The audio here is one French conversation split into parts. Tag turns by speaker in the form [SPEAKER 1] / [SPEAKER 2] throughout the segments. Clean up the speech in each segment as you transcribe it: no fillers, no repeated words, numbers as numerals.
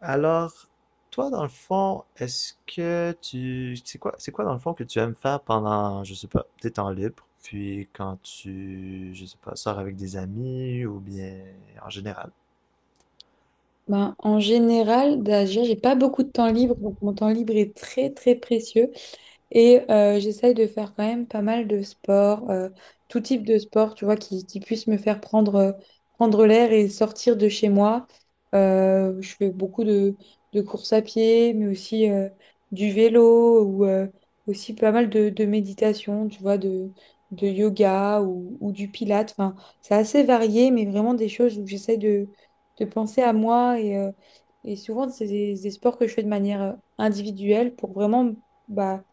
[SPEAKER 1] Alors, toi, dans le fond, est-ce que tu... c'est quoi, dans le fond, que tu aimes faire pendant, je sais pas, tes temps libres, puis quand tu, je sais pas, sors avec des amis ou bien en général?
[SPEAKER 2] Ben, en général, déjà, j'ai pas beaucoup de temps libre, donc mon temps libre est très très précieux. Et j'essaye de faire quand même pas mal de sport, tout type de sport, tu vois, qui puisse me faire prendre l'air et sortir de chez moi. Je fais beaucoup de courses à pied, mais aussi du vélo ou aussi pas mal de méditation, tu vois, de yoga ou du pilate. Enfin, c'est assez varié, mais vraiment des choses où j'essaye de penser à moi. Et souvent, c'est des sports que je fais de manière individuelle pour vraiment ...bah,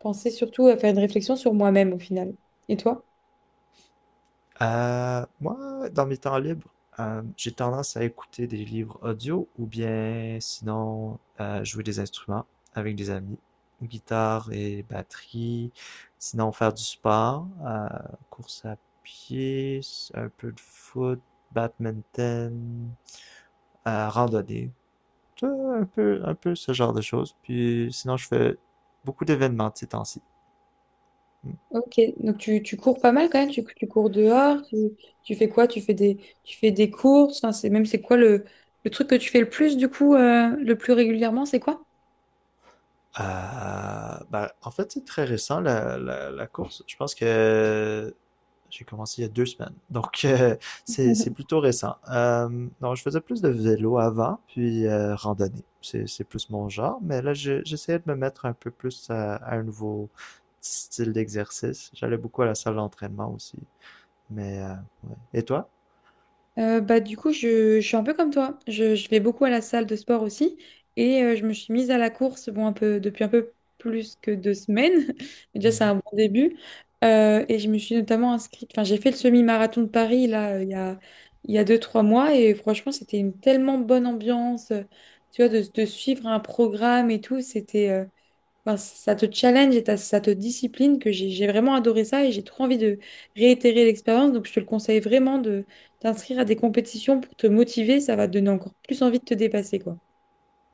[SPEAKER 2] penser surtout à faire une réflexion sur moi-même au final. Et toi?
[SPEAKER 1] Moi, dans mes temps libres, j'ai tendance à écouter des livres audio ou bien sinon jouer des instruments avec des amis, guitare et batterie, sinon faire du sport, course à pied, un peu de foot, badminton, randonnée, tu vois, un peu ce genre de choses. Puis sinon, je fais beaucoup d'événements de ces temps-ci.
[SPEAKER 2] Ok, donc tu cours pas mal quand même, tu cours dehors, tu fais quoi? Tu fais des courses, enfin, c'est quoi le truc que tu fais le plus du coup, le plus régulièrement, c'est quoi?
[SPEAKER 1] Ben, en fait, c'est très récent, la course. Je pense que j'ai commencé il y a deux semaines. Donc, c'est plutôt récent. Non, je faisais plus de vélo avant, puis randonnée. C'est plus mon genre, mais là, j'essayais de me mettre un peu plus à un nouveau style d'exercice. J'allais beaucoup à la salle d'entraînement aussi. Mais, ouais. Et toi?
[SPEAKER 2] Bah, du coup, je suis un peu comme toi. Je vais beaucoup à la salle de sport aussi. Et je me suis mise à la course bon, un peu, depuis un peu plus que 2 semaines. Déjà, c'est
[SPEAKER 1] Mm-hmm.
[SPEAKER 2] un bon début. Et je me suis notamment inscrite. Enfin, j'ai fait le semi-marathon de Paris là, il y a deux, trois mois. Et franchement, c'était une tellement bonne ambiance, tu vois, de suivre un programme et tout. C'était. Ben, ça te challenge et ça te discipline, que j'ai vraiment adoré ça et j'ai trop envie de réitérer l'expérience. Donc, je te le conseille vraiment de t'inscrire à des compétitions pour te motiver. Ça va te donner encore plus envie de te dépasser, quoi.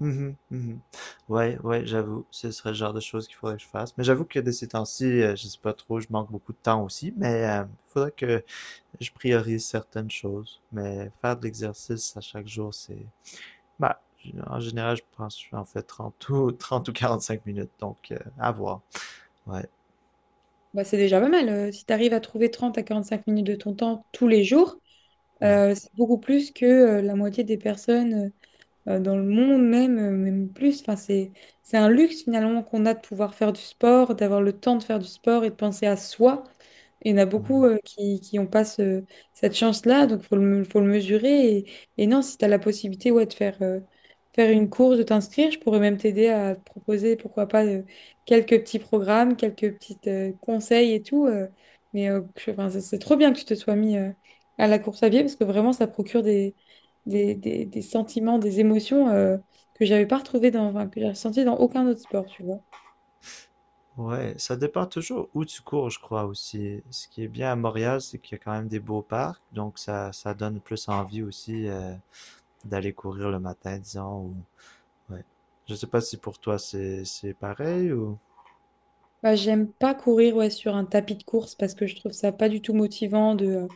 [SPEAKER 1] Mhm, mhm. Ouais, ouais, j'avoue, ce serait le genre de choses qu'il faudrait que je fasse. Mais j'avoue que de ces temps-ci, je sais pas trop, je manque beaucoup de temps aussi, mais il faudrait que je priorise certaines choses. Mais faire de l'exercice à chaque jour, c'est... Bah, en général, je pense que j'en fais 30 ou, 30 ou 45 minutes, donc à voir. Ouais,
[SPEAKER 2] Bah, c'est déjà pas mal. Si tu arrives à trouver 30 à 45 minutes de ton temps tous les jours,
[SPEAKER 1] ouais.
[SPEAKER 2] c'est beaucoup plus que la moitié des personnes, dans le monde même, même plus. Enfin, c'est un luxe finalement qu'on a de pouvoir faire du sport, d'avoir le temps de faire du sport et de penser à soi. Il y en a beaucoup
[SPEAKER 1] Mhm.
[SPEAKER 2] qui ont pas cette chance-là, donc faut le mesurer. Et non, si tu as la possibilité ouais, de faire une course, de t'inscrire, je pourrais même t'aider à te proposer, pourquoi pas, quelques petits programmes, quelques petits conseils et tout. Mais enfin, c'est trop bien que tu te sois mis à la course à pied parce que vraiment, ça procure des sentiments, des émotions que j'avais pas retrouvées enfin, que j'ai ressenties dans aucun autre sport, tu vois.
[SPEAKER 1] Ouais, ça dépend toujours où tu cours, je crois aussi. Ce qui est bien à Montréal, c'est qu'il y a quand même des beaux parcs, donc ça donne plus envie aussi, d'aller courir le matin, disons. Ouais. Je sais pas si pour toi c'est pareil ou.
[SPEAKER 2] Bah, j'aime pas courir ouais, sur un tapis de course parce que je trouve ça pas du tout motivant de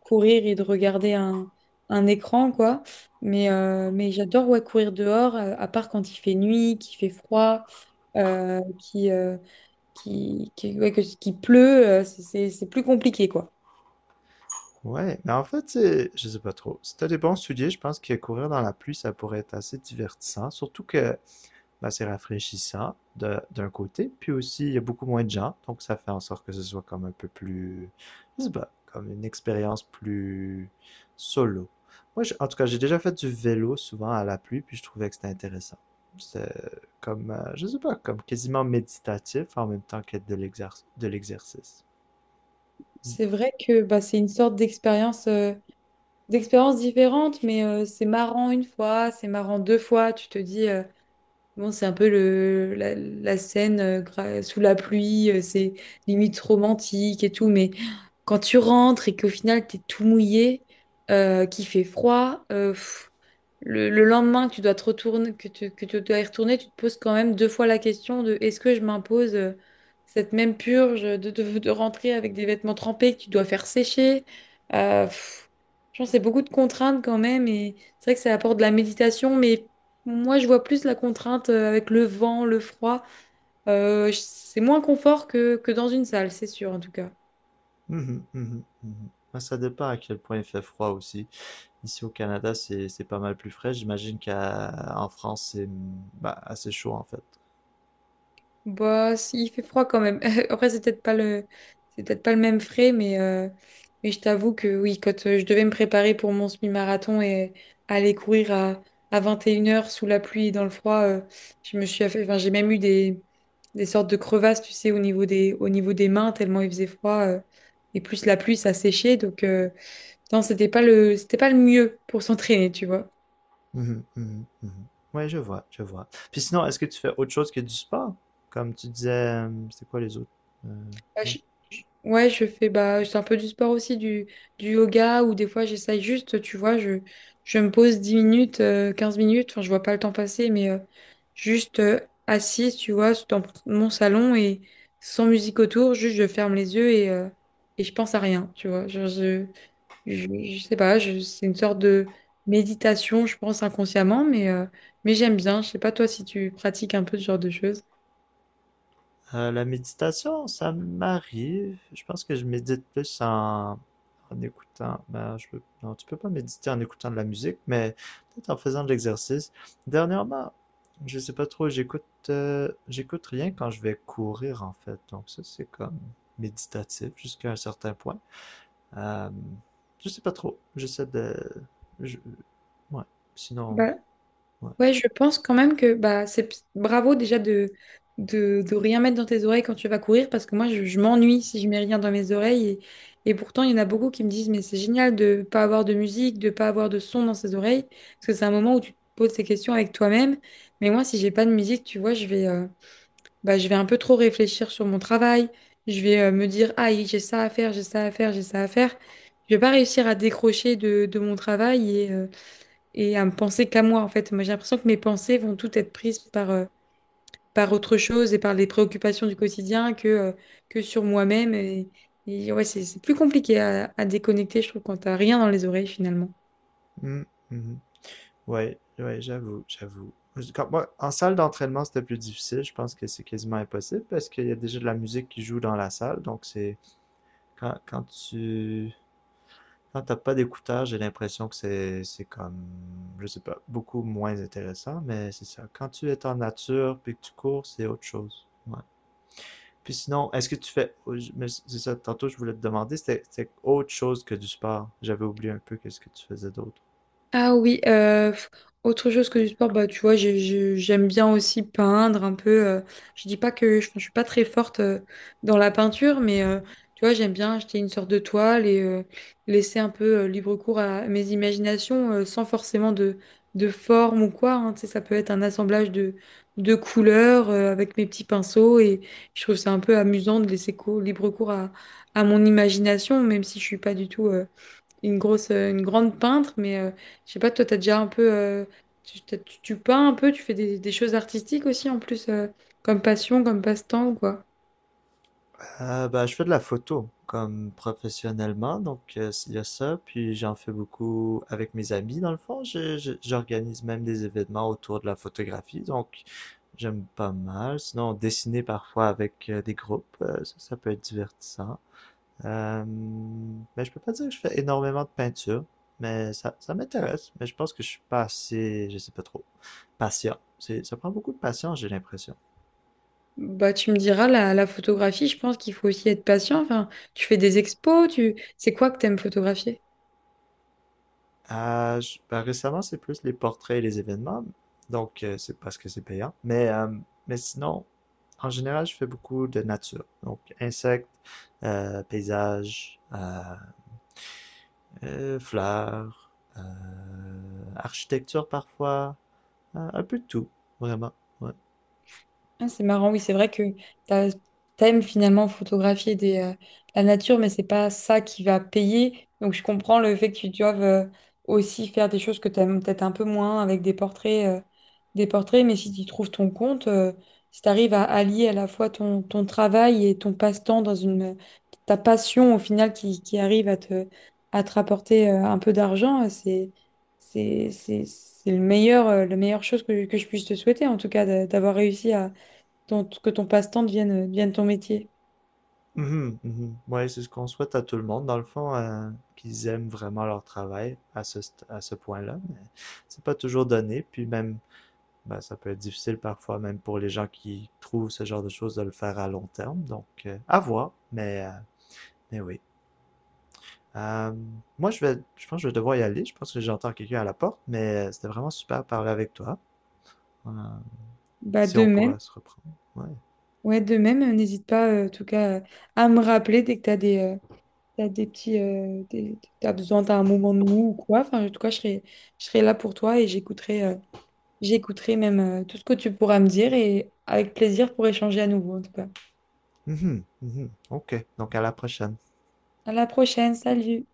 [SPEAKER 2] courir et de regarder un écran, quoi. Mais j'adore ouais, courir dehors, à part quand il fait nuit, qu'il fait froid, euh, qui, euh, ouais, qu'il pleut, c'est plus compliqué, quoi.
[SPEAKER 1] Ouais, mais en fait, je sais pas trop. Si t'as des bons souliers, je pense que courir dans la pluie, ça pourrait être assez divertissant. Surtout que ben, c'est rafraîchissant d'un côté, puis aussi il y a beaucoup moins de gens, donc ça fait en sorte que ce soit comme un peu plus, je sais pas, comme une expérience plus solo. Moi, en tout cas, j'ai déjà fait du vélo souvent à la pluie, puis je trouvais que c'était intéressant. C'est comme, je sais pas, comme quasiment méditatif en même temps qu'être de l'exercice. Mm.
[SPEAKER 2] C'est vrai que bah, c'est une sorte d'expérience, d'expériences différentes, mais c'est marrant une fois, c'est marrant deux fois. Tu te dis, bon, c'est un peu la scène sous la pluie, c'est limite romantique et tout, mais quand tu rentres et qu'au final, t'es tout mouillé, qu'il fait froid, le lendemain que tu dois te retourner, que tu dois y retourner, tu te poses quand même deux fois la question de est-ce que je m'impose cette même purge de rentrer avec des vêtements trempés que tu dois faire sécher. Euh, pff, je pense c'est beaucoup de contraintes quand même et c'est vrai que ça apporte de la méditation, mais moi je vois plus la contrainte avec le vent, le froid. C'est moins confort que dans une salle, c'est sûr en tout cas.
[SPEAKER 1] Mhm, mhm, mhm. Ouais, ça dépend à quel point il fait froid aussi. Ici au Canada, c'est pas mal plus frais. J'imagine qu'en France, c'est bah, assez chaud en fait.
[SPEAKER 2] Bah, si, il fait froid quand même. Après, c'est peut-être pas le même frais, mais je t'avoue que oui, quand je devais me préparer pour mon semi-marathon et aller courir à 21 heures sous la pluie et dans le froid, je me suis affa- enfin, j'ai même eu des sortes de crevasses, tu sais, au niveau au niveau des mains, tellement il faisait froid. Et plus la pluie, ça séchait. Donc, non, c'était pas le mieux pour s'entraîner, tu vois.
[SPEAKER 1] Mhm, mhm, mhm. Ouais, je vois, je vois. Puis sinon, est-ce que tu fais autre chose que du sport? Comme tu disais, c'est quoi les autres? Euh,
[SPEAKER 2] Bah,
[SPEAKER 1] ouais.
[SPEAKER 2] ouais, je fais bah, c'est un peu du sport aussi, du yoga, ou des fois j'essaye juste, tu vois, je me pose 10 minutes, 15 minutes, enfin, je vois pas le temps passer, mais juste assise, tu vois, dans mon salon et sans musique autour, juste je ferme les yeux et je pense à rien, tu vois. Genre, je sais pas, c'est une sorte de méditation, je pense inconsciemment, mais j'aime bien. Je sais pas toi si tu pratiques un peu ce genre de choses.
[SPEAKER 1] La méditation, ça m'arrive. Je pense que je médite plus en, en écoutant. Ben, non, tu peux pas méditer en écoutant de la musique, mais peut-être en faisant de l'exercice. Dernièrement, je sais pas trop, j'écoute rien quand je vais courir, en fait. Donc ça, c'est comme méditatif jusqu'à un certain point. Euh, je sais pas trop. J'essaie de. je- Ouais. Sinon,
[SPEAKER 2] bah
[SPEAKER 1] ouais.
[SPEAKER 2] Ouais, je pense quand même que bah, c'est bravo déjà de rien mettre dans tes oreilles quand tu vas courir parce que moi je m'ennuie si je mets rien dans mes oreilles et pourtant il y en a beaucoup qui me disent mais c'est génial de pas avoir de musique, de pas avoir de son dans ses oreilles parce que c'est un moment où tu te poses ces questions avec toi-même. Mais moi si j'ai pas de musique tu vois je vais un peu trop réfléchir sur mon travail, je vais me dire ah j'ai ça à faire, j'ai ça à faire, j'ai ça à faire, je vais pas réussir à décrocher de mon travail et à me penser qu'à moi, en fait. Moi, j'ai l'impression que mes pensées vont toutes être prises par autre chose et par les préoccupations du quotidien que sur moi-même. Et, ouais, c'est plus compliqué à déconnecter, je trouve, quand t'as rien dans les oreilles, finalement.
[SPEAKER 1] Mm, mhm. Ouais, ouais, j'avoue, j'avoue. Quand moi, en salle d'entraînement, c'était plus difficile. Je pense que c'est quasiment impossible parce qu'il y a déjà de la musique qui joue dans la salle. Donc, c'est quand, quand tu quand t'as pas d'écouteurs, j'ai l'impression que c'est comme, je sais pas, beaucoup moins intéressant. Mais c'est ça. Quand tu es en nature puis que tu cours, c'est autre chose. Ouais. Puis sinon, est-ce que tu fais. Oh, mais c'est ça, tantôt je voulais te demander, c'était autre chose que du sport. J'avais oublié un peu qu'est-ce que tu faisais d'autre.
[SPEAKER 2] Ah oui, autre chose que du sport, bah tu vois, j'aime bien aussi peindre un peu. Je dis pas que je suis pas très forte dans la peinture, mais tu vois, j'aime bien acheter une sorte de toile et laisser un peu libre cours à mes imaginations sans forcément de forme ou quoi, hein. Tu sais, ça peut être un assemblage de couleurs avec mes petits pinceaux et je trouve ça un peu amusant de laisser libre cours à mon imagination, même si je suis pas du tout une grande peintre, mais je sais pas, toi, t'as déjà un peu, tu peins un peu, tu fais des choses artistiques aussi en plus, comme passion, comme passe-temps, quoi.
[SPEAKER 1] Ben, je fais de la photo, comme professionnellement, donc il y a ça. Puis j'en fais beaucoup avec mes amis, dans le fond. J'organise même des événements autour de la photographie, donc j'aime pas mal. Sinon, dessiner parfois avec des groupes, ça, ça peut être divertissant. Mais je peux pas dire que je fais énormément de peinture, mais ça m'intéresse. Mais je pense que je suis pas assez, je sais pas trop, patient. C'est, ça prend beaucoup de patience, j'ai l'impression.
[SPEAKER 2] Bah, tu me diras, la photographie, je pense qu'il faut aussi être patient. Enfin, tu fais des expos, c'est quoi que t'aimes photographier?
[SPEAKER 1] Ben, récemment, c'est plus les portraits et les événements, donc c'est parce que c'est payant. Mais sinon, en général, je fais beaucoup de nature. Donc, insectes, paysages, fleurs, euh, architecture parfois, un peu de tout, vraiment. Ouais.
[SPEAKER 2] Ah, c'est marrant, oui, c'est vrai que t'as- t'aimes finalement photographier la nature, mais c'est pas ça qui va payer. Donc je comprends le fait que tu doives aussi faire des choses que t'aimes peut-être un peu moins avec des portraits, mais si tu trouves ton compte, si tu arrives à allier à la fois ton travail et ton passe-temps dans une ta passion au final qui arrive à te, rapporter un peu d'argent, c'est la meilleure chose que je puisse te souhaiter, en tout cas, d'avoir réussi que ton passe-temps devienne, devienne ton métier.
[SPEAKER 1] Mhm, mhm. Ouais, c'est ce qu'on souhaite à tout le monde, dans le fond, qu'ils aiment vraiment leur travail à ce, à ce point-là, mais c'est pas toujours donné, puis même, ben, ça peut être difficile parfois, même pour les gens qui trouvent ce genre de choses, de le faire à long terme, donc à voir, mais oui. Euh, Moi, je vais, je pense que je vais devoir y aller, je pense que j'entends quelqu'un à la porte, mais c'était vraiment super de parler avec toi. Euh,
[SPEAKER 2] Bah,
[SPEAKER 1] si
[SPEAKER 2] de
[SPEAKER 1] on
[SPEAKER 2] même,
[SPEAKER 1] pourra se reprendre. Ouais.
[SPEAKER 2] ouais, de même, n'hésite pas en tout cas à me rappeler dès que tu as t'as des petits, t'as besoin, t'as un moment de mou ou quoi. Enfin, en tout cas, je serai là pour toi et j'écouterai même tout ce que tu pourras me dire et avec plaisir pour échanger à nouveau en tout cas.
[SPEAKER 1] Mhm, mhm. Ok, donc à la prochaine.
[SPEAKER 2] À la prochaine, salut!